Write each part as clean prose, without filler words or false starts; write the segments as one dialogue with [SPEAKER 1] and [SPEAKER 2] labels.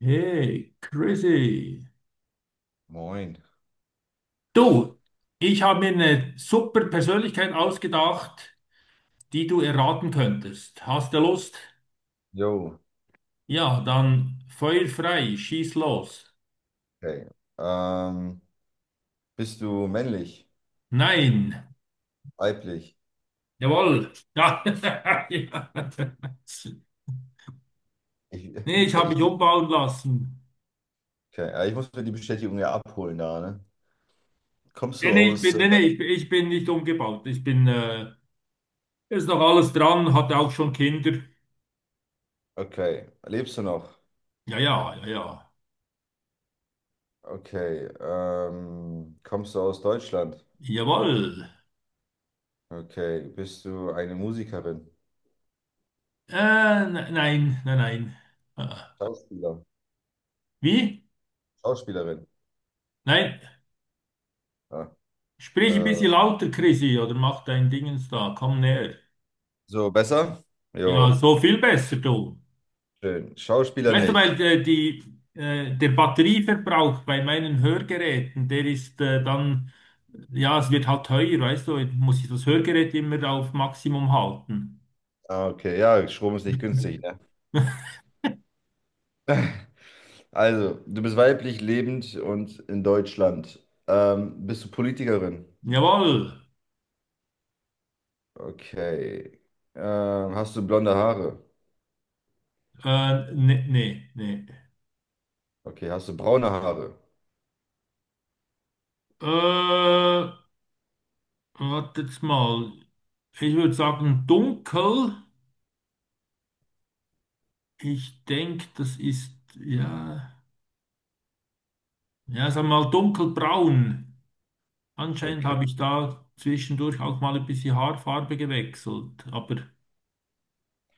[SPEAKER 1] Hey, crazy.
[SPEAKER 2] Moin.
[SPEAKER 1] Du, ich habe mir eine super Persönlichkeit ausgedacht, die du erraten könntest. Hast du Lust?
[SPEAKER 2] Jo,
[SPEAKER 1] Ja, dann Feuer frei, schieß los.
[SPEAKER 2] okay. Ähm, Bist du männlich?
[SPEAKER 1] Nein.
[SPEAKER 2] Weiblich?
[SPEAKER 1] Jawohl. Ja. Ja.
[SPEAKER 2] Ich,
[SPEAKER 1] Nee, ich habe mich
[SPEAKER 2] ich,
[SPEAKER 1] umbauen lassen.
[SPEAKER 2] okay. Ja, ich muss mir die Bestätigung ja abholen da, ne? Kommst
[SPEAKER 1] Nee,
[SPEAKER 2] du
[SPEAKER 1] nee, ich
[SPEAKER 2] aus.
[SPEAKER 1] bin, nee, nee, ich bin nicht umgebaut. Ich bin, ist noch alles dran, hatte auch schon Kinder.
[SPEAKER 2] Okay. Lebst du noch?
[SPEAKER 1] Ja, ja, ja, ja.
[SPEAKER 2] Okay. Kommst du aus Deutschland?
[SPEAKER 1] Jawohl.
[SPEAKER 2] Okay. Bist du eine Musikerin?
[SPEAKER 1] Äh, nein, nein, nein. Ah.
[SPEAKER 2] Schauspieler?
[SPEAKER 1] Wie?
[SPEAKER 2] Schauspielerin?
[SPEAKER 1] Nein,
[SPEAKER 2] Ja.
[SPEAKER 1] sprich ein
[SPEAKER 2] Äh,
[SPEAKER 1] bisschen lauter, Chrissy, oder mach dein Dingens da, komm näher.
[SPEAKER 2] so, besser?
[SPEAKER 1] Ja,
[SPEAKER 2] Jo,
[SPEAKER 1] so viel besser, du.
[SPEAKER 2] schön. Schauspieler
[SPEAKER 1] Weißt du,
[SPEAKER 2] nicht.
[SPEAKER 1] weil die, der Batterieverbrauch bei meinen Hörgeräten, der ist dann, ja, es wird halt teuer, weißt du, jetzt muss ich das Hörgerät immer auf Maximum halten.
[SPEAKER 2] Ah, okay. Ja, Strom ist nicht günstig, ne? Also, du bist weiblich, lebend und in Deutschland. Bist du Politikerin?
[SPEAKER 1] Jawohl.
[SPEAKER 2] Okay. Hast du blonde Haare?
[SPEAKER 1] Nee, nee, nee.
[SPEAKER 2] Okay. Hast du braune Haare?
[SPEAKER 1] Äh, wartet mal. Ich würde sagen dunkel. Ich denke, das ist, ja. Ja, sag mal dunkelbraun. Anscheinend
[SPEAKER 2] Okay.
[SPEAKER 1] habe ich da zwischendurch auch mal ein bisschen Haarfarbe gewechselt. Aber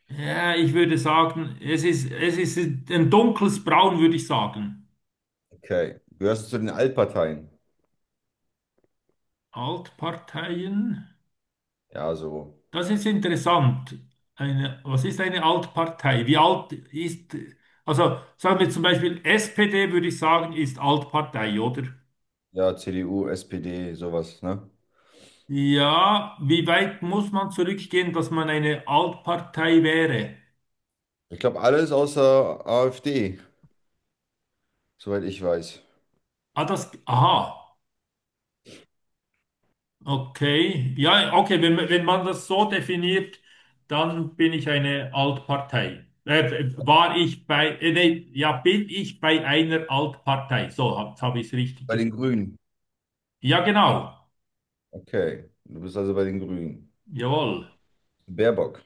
[SPEAKER 1] ja, ich würde sagen, es ist ein dunkles Braun, würde ich sagen.
[SPEAKER 2] Okay. Gehörst du zu den Altparteien?
[SPEAKER 1] Altparteien.
[SPEAKER 2] Ja, so.
[SPEAKER 1] Das ist interessant. Eine, was ist eine Altpartei? Wie alt ist, also sagen wir zum Beispiel SPD, würde ich sagen, ist Altpartei, oder?
[SPEAKER 2] Ja, CDU, SPD, sowas, ne?
[SPEAKER 1] Ja, wie weit muss man zurückgehen, dass man eine Altpartei wäre?
[SPEAKER 2] Ich glaube, alles außer AfD, soweit ich weiß.
[SPEAKER 1] Ah, das, aha. Okay, ja, okay, wenn, wenn man das so definiert, dann bin ich eine Altpartei. War ich bei, nee, ja, bin ich bei einer Altpartei. So, jetzt habe ich es richtig
[SPEAKER 2] Bei den
[SPEAKER 1] gesagt.
[SPEAKER 2] Grünen.
[SPEAKER 1] Ja, genau.
[SPEAKER 2] Okay. Du bist also bei den Grünen.
[SPEAKER 1] Jawohl.
[SPEAKER 2] Baerbock.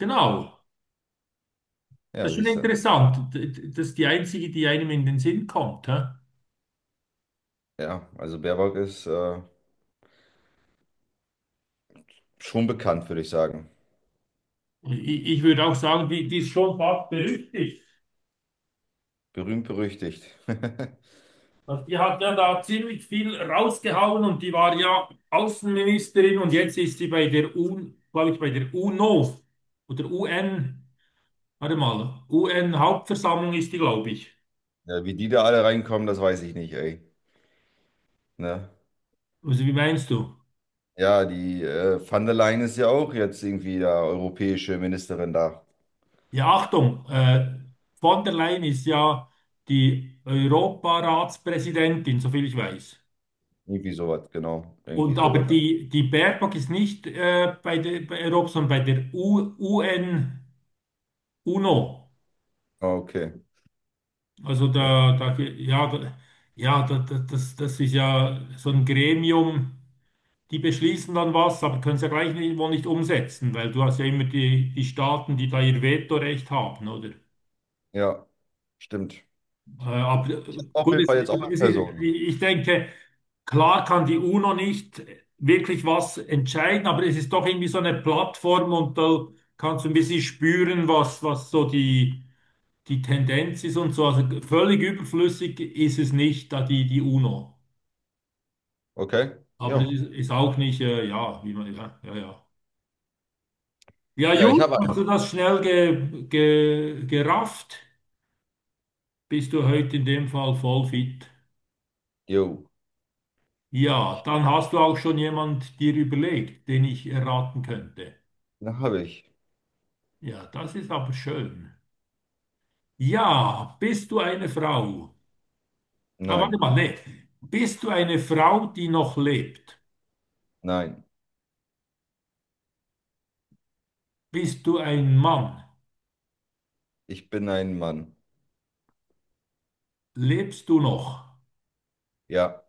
[SPEAKER 1] Genau. Das
[SPEAKER 2] Ja,
[SPEAKER 1] ist schon
[SPEAKER 2] siehst du.
[SPEAKER 1] interessant. Das ist die einzige, die einem in den Sinn kommt. Hä?
[SPEAKER 2] Ja, also Baerbock ist schon bekannt, würde ich sagen.
[SPEAKER 1] Ich würde auch sagen, die ist schon fast berüchtigt.
[SPEAKER 2] Berühmt berüchtigt.
[SPEAKER 1] Also die hat ja da ziemlich viel rausgehauen und die war ja Außenministerin, und jetzt ist sie bei der UN, glaube ich, bei der UNO oder UN, warte mal, UN-Hauptversammlung ist die, glaube ich.
[SPEAKER 2] Ja, wie die da alle reinkommen, das weiß ich nicht, ey. Ne?
[SPEAKER 1] Also wie meinst du?
[SPEAKER 2] Ja, die van der Leyen ist ja auch jetzt irgendwie da europäische Ministerin da.
[SPEAKER 1] Ja, Achtung, von der Leyen ist ja die Europaratspräsidentin, soviel ich weiß.
[SPEAKER 2] Irgendwie sowas, genau. Irgendwie
[SPEAKER 1] Und aber
[SPEAKER 2] sowas.
[SPEAKER 1] die, die Baerbock ist nicht bei der bei Europa, sondern bei der U UN UNO.
[SPEAKER 2] Ah, okay.
[SPEAKER 1] Also
[SPEAKER 2] So.
[SPEAKER 1] da, da, ja, da, ja, da, da, das, das ist ja so ein Gremium, die beschließen dann was, aber können es ja gleich nicht, wohl nicht umsetzen, weil du hast ja immer die, die Staaten, die da ihr Vetorecht haben, oder?
[SPEAKER 2] Ja, stimmt.
[SPEAKER 1] Aber
[SPEAKER 2] Auf
[SPEAKER 1] gut,
[SPEAKER 2] jeden
[SPEAKER 1] es,
[SPEAKER 2] Fall jetzt auch eine
[SPEAKER 1] es,
[SPEAKER 2] Person.
[SPEAKER 1] ich denke, klar kann die UNO nicht wirklich was entscheiden, aber es ist doch irgendwie so eine Plattform, und da kannst du ein bisschen spüren, was, was so die die Tendenz ist und so, also völlig überflüssig ist es nicht, da die, die UNO.
[SPEAKER 2] Okay?
[SPEAKER 1] Aber es
[SPEAKER 2] Ja.
[SPEAKER 1] ist, ist auch nicht, ja, wie man, ja, ja, ja. Ja,
[SPEAKER 2] Ja, ich
[SPEAKER 1] Jung,
[SPEAKER 2] habe einen.
[SPEAKER 1] hast du das schnell gerafft? Bist du heute in dem Fall voll fit?
[SPEAKER 2] Jo.
[SPEAKER 1] Ja, dann hast du auch schon jemand dir überlegt, den ich erraten könnte.
[SPEAKER 2] Na, habe ich.
[SPEAKER 1] Ja, das ist aber schön. Ja, bist du eine Frau? Aber warte
[SPEAKER 2] Nein.
[SPEAKER 1] mal, nee. Bist du eine Frau, die noch lebt?
[SPEAKER 2] Nein.
[SPEAKER 1] Bist du ein Mann?
[SPEAKER 2] Ich bin ein Mann.
[SPEAKER 1] Lebst du noch?
[SPEAKER 2] Ja.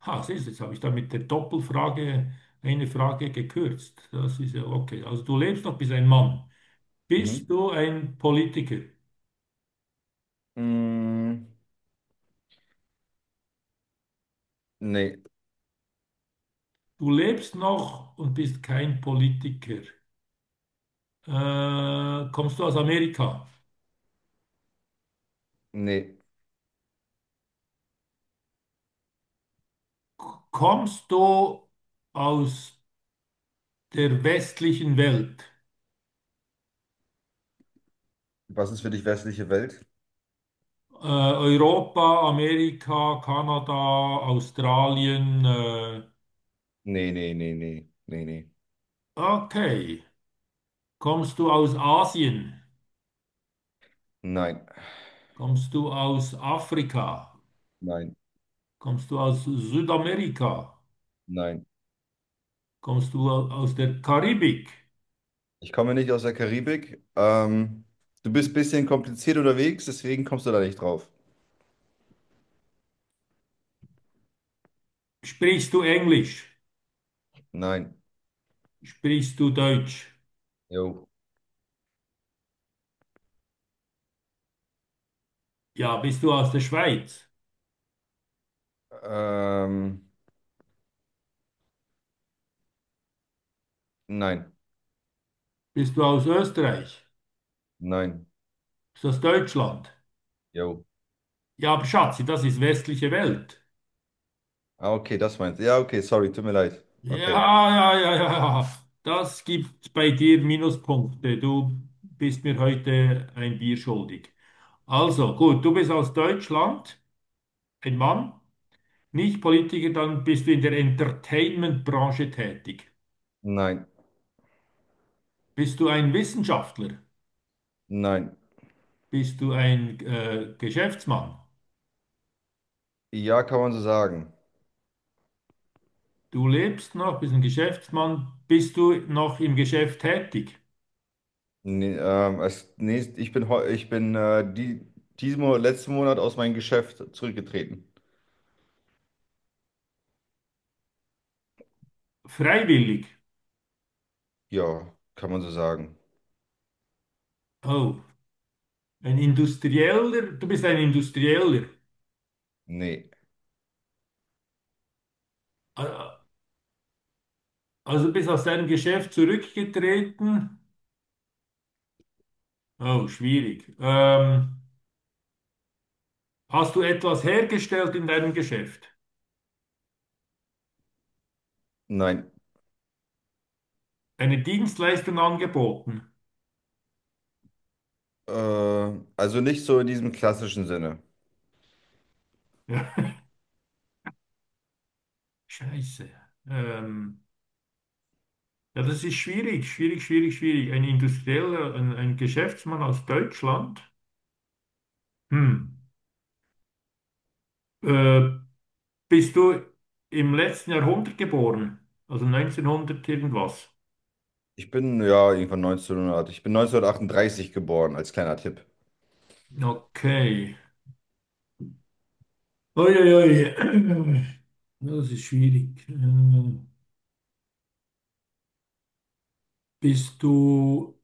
[SPEAKER 1] Ha, siehst du, jetzt habe ich da mit der Doppelfrage eine Frage gekürzt. Das ist ja okay. Also du lebst noch, bist ein Mann.
[SPEAKER 2] Mhm.
[SPEAKER 1] Bist du ein Politiker?
[SPEAKER 2] Mm, Nee.
[SPEAKER 1] Du lebst noch und bist kein Politiker. Kommst du aus Amerika?
[SPEAKER 2] Nee.
[SPEAKER 1] Kommst du aus der westlichen Welt?
[SPEAKER 2] Was ist für dich westliche Welt?
[SPEAKER 1] Europa, Amerika, Kanada, Australien.
[SPEAKER 2] Nee, nee, nee, nee, nee, nee.
[SPEAKER 1] Okay. Kommst du aus Asien?
[SPEAKER 2] Nein,
[SPEAKER 1] Kommst du aus Afrika?
[SPEAKER 2] nein,
[SPEAKER 1] Kommst du aus Südamerika?
[SPEAKER 2] nein.
[SPEAKER 1] Kommst du aus der Karibik?
[SPEAKER 2] Ich komme nicht aus der Karibik. Du bist ein bisschen kompliziert unterwegs, deswegen kommst du da nicht drauf.
[SPEAKER 1] Sprichst du Englisch?
[SPEAKER 2] Nein.
[SPEAKER 1] Sprichst du Deutsch?
[SPEAKER 2] Jo.
[SPEAKER 1] Ja, bist du aus der Schweiz?
[SPEAKER 2] Ähm, nein,
[SPEAKER 1] Bist du aus Österreich?
[SPEAKER 2] nein.
[SPEAKER 1] Bist du aus Deutschland?
[SPEAKER 2] Jo.
[SPEAKER 1] Ja, aber Schatzi, das ist westliche Welt.
[SPEAKER 2] Ah, okay, das meinst du. Ja, okay, sorry, tut mir leid.
[SPEAKER 1] Ja,
[SPEAKER 2] Okay.
[SPEAKER 1] ja, ja, ja, ja. Das gibt bei dir Minuspunkte. Du bist mir heute ein Bier schuldig. Also, gut, du bist aus Deutschland, ein Mann. Nicht Politiker, dann bist du in der Entertainment-Branche tätig.
[SPEAKER 2] Nein,
[SPEAKER 1] Bist du ein Wissenschaftler?
[SPEAKER 2] nein.
[SPEAKER 1] Bist du ein Geschäftsmann?
[SPEAKER 2] Ja, kann man so sagen.
[SPEAKER 1] Du lebst noch, bist ein Geschäftsmann. Bist du noch im Geschäft tätig?
[SPEAKER 2] Nee, als nächst, ich bin diesen Monat, letzten Monat aus meinem Geschäft zurückgetreten.
[SPEAKER 1] Freiwillig.
[SPEAKER 2] Ja, kann man so sagen.
[SPEAKER 1] Oh, ein Industrieller. Du bist ein Industrieller.
[SPEAKER 2] Nee.
[SPEAKER 1] Ah, also bist aus deinem Geschäft zurückgetreten. Oh, schwierig. Hast du etwas hergestellt in deinem Geschäft?
[SPEAKER 2] Nein.
[SPEAKER 1] Eine Dienstleistung angeboten?
[SPEAKER 2] Äh, also nicht so in diesem klassischen Sinne.
[SPEAKER 1] Scheiße. Ähm, ja, das ist schwierig, schwierig, schwierig, schwierig. Ein Industrieller, ein Geschäftsmann aus Deutschland. Hm. Äh, bist du im letzten Jahrhundert geboren? Also 1900 irgendwas?
[SPEAKER 2] Ich bin ja irgendwann 1900. Ich bin 1938 geboren, als kleiner Tipp.
[SPEAKER 1] Okay. Uiuiui. Ja, das ist schwierig. Bist du,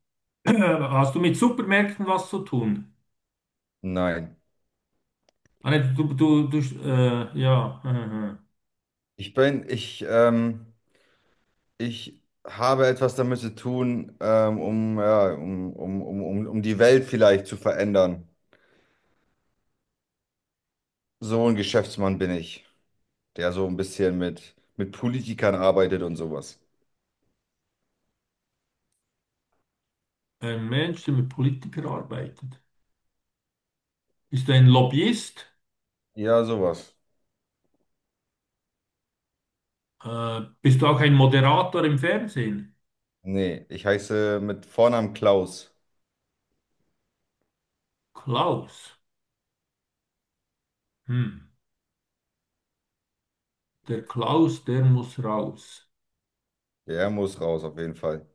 [SPEAKER 1] hast du mit Supermärkten was zu tun?
[SPEAKER 2] Nein.
[SPEAKER 1] Ah, nee, du, ja. Aha.
[SPEAKER 2] Ich bin, ich, ähm, Ich habe etwas damit zu tun, ja, um die Welt vielleicht zu verändern. So ein Geschäftsmann bin ich, der so ein bisschen mit Politikern arbeitet und sowas.
[SPEAKER 1] Ein Mensch, der mit Politikern arbeitet. Bist du ein Lobbyist?
[SPEAKER 2] Ja, sowas.
[SPEAKER 1] Bist du auch ein Moderator im Fernsehen?
[SPEAKER 2] Nee, ich heiße mit Vornamen Klaus.
[SPEAKER 1] Klaus. Hm. Der Klaus, der muss raus.
[SPEAKER 2] Der muss raus, auf jeden Fall.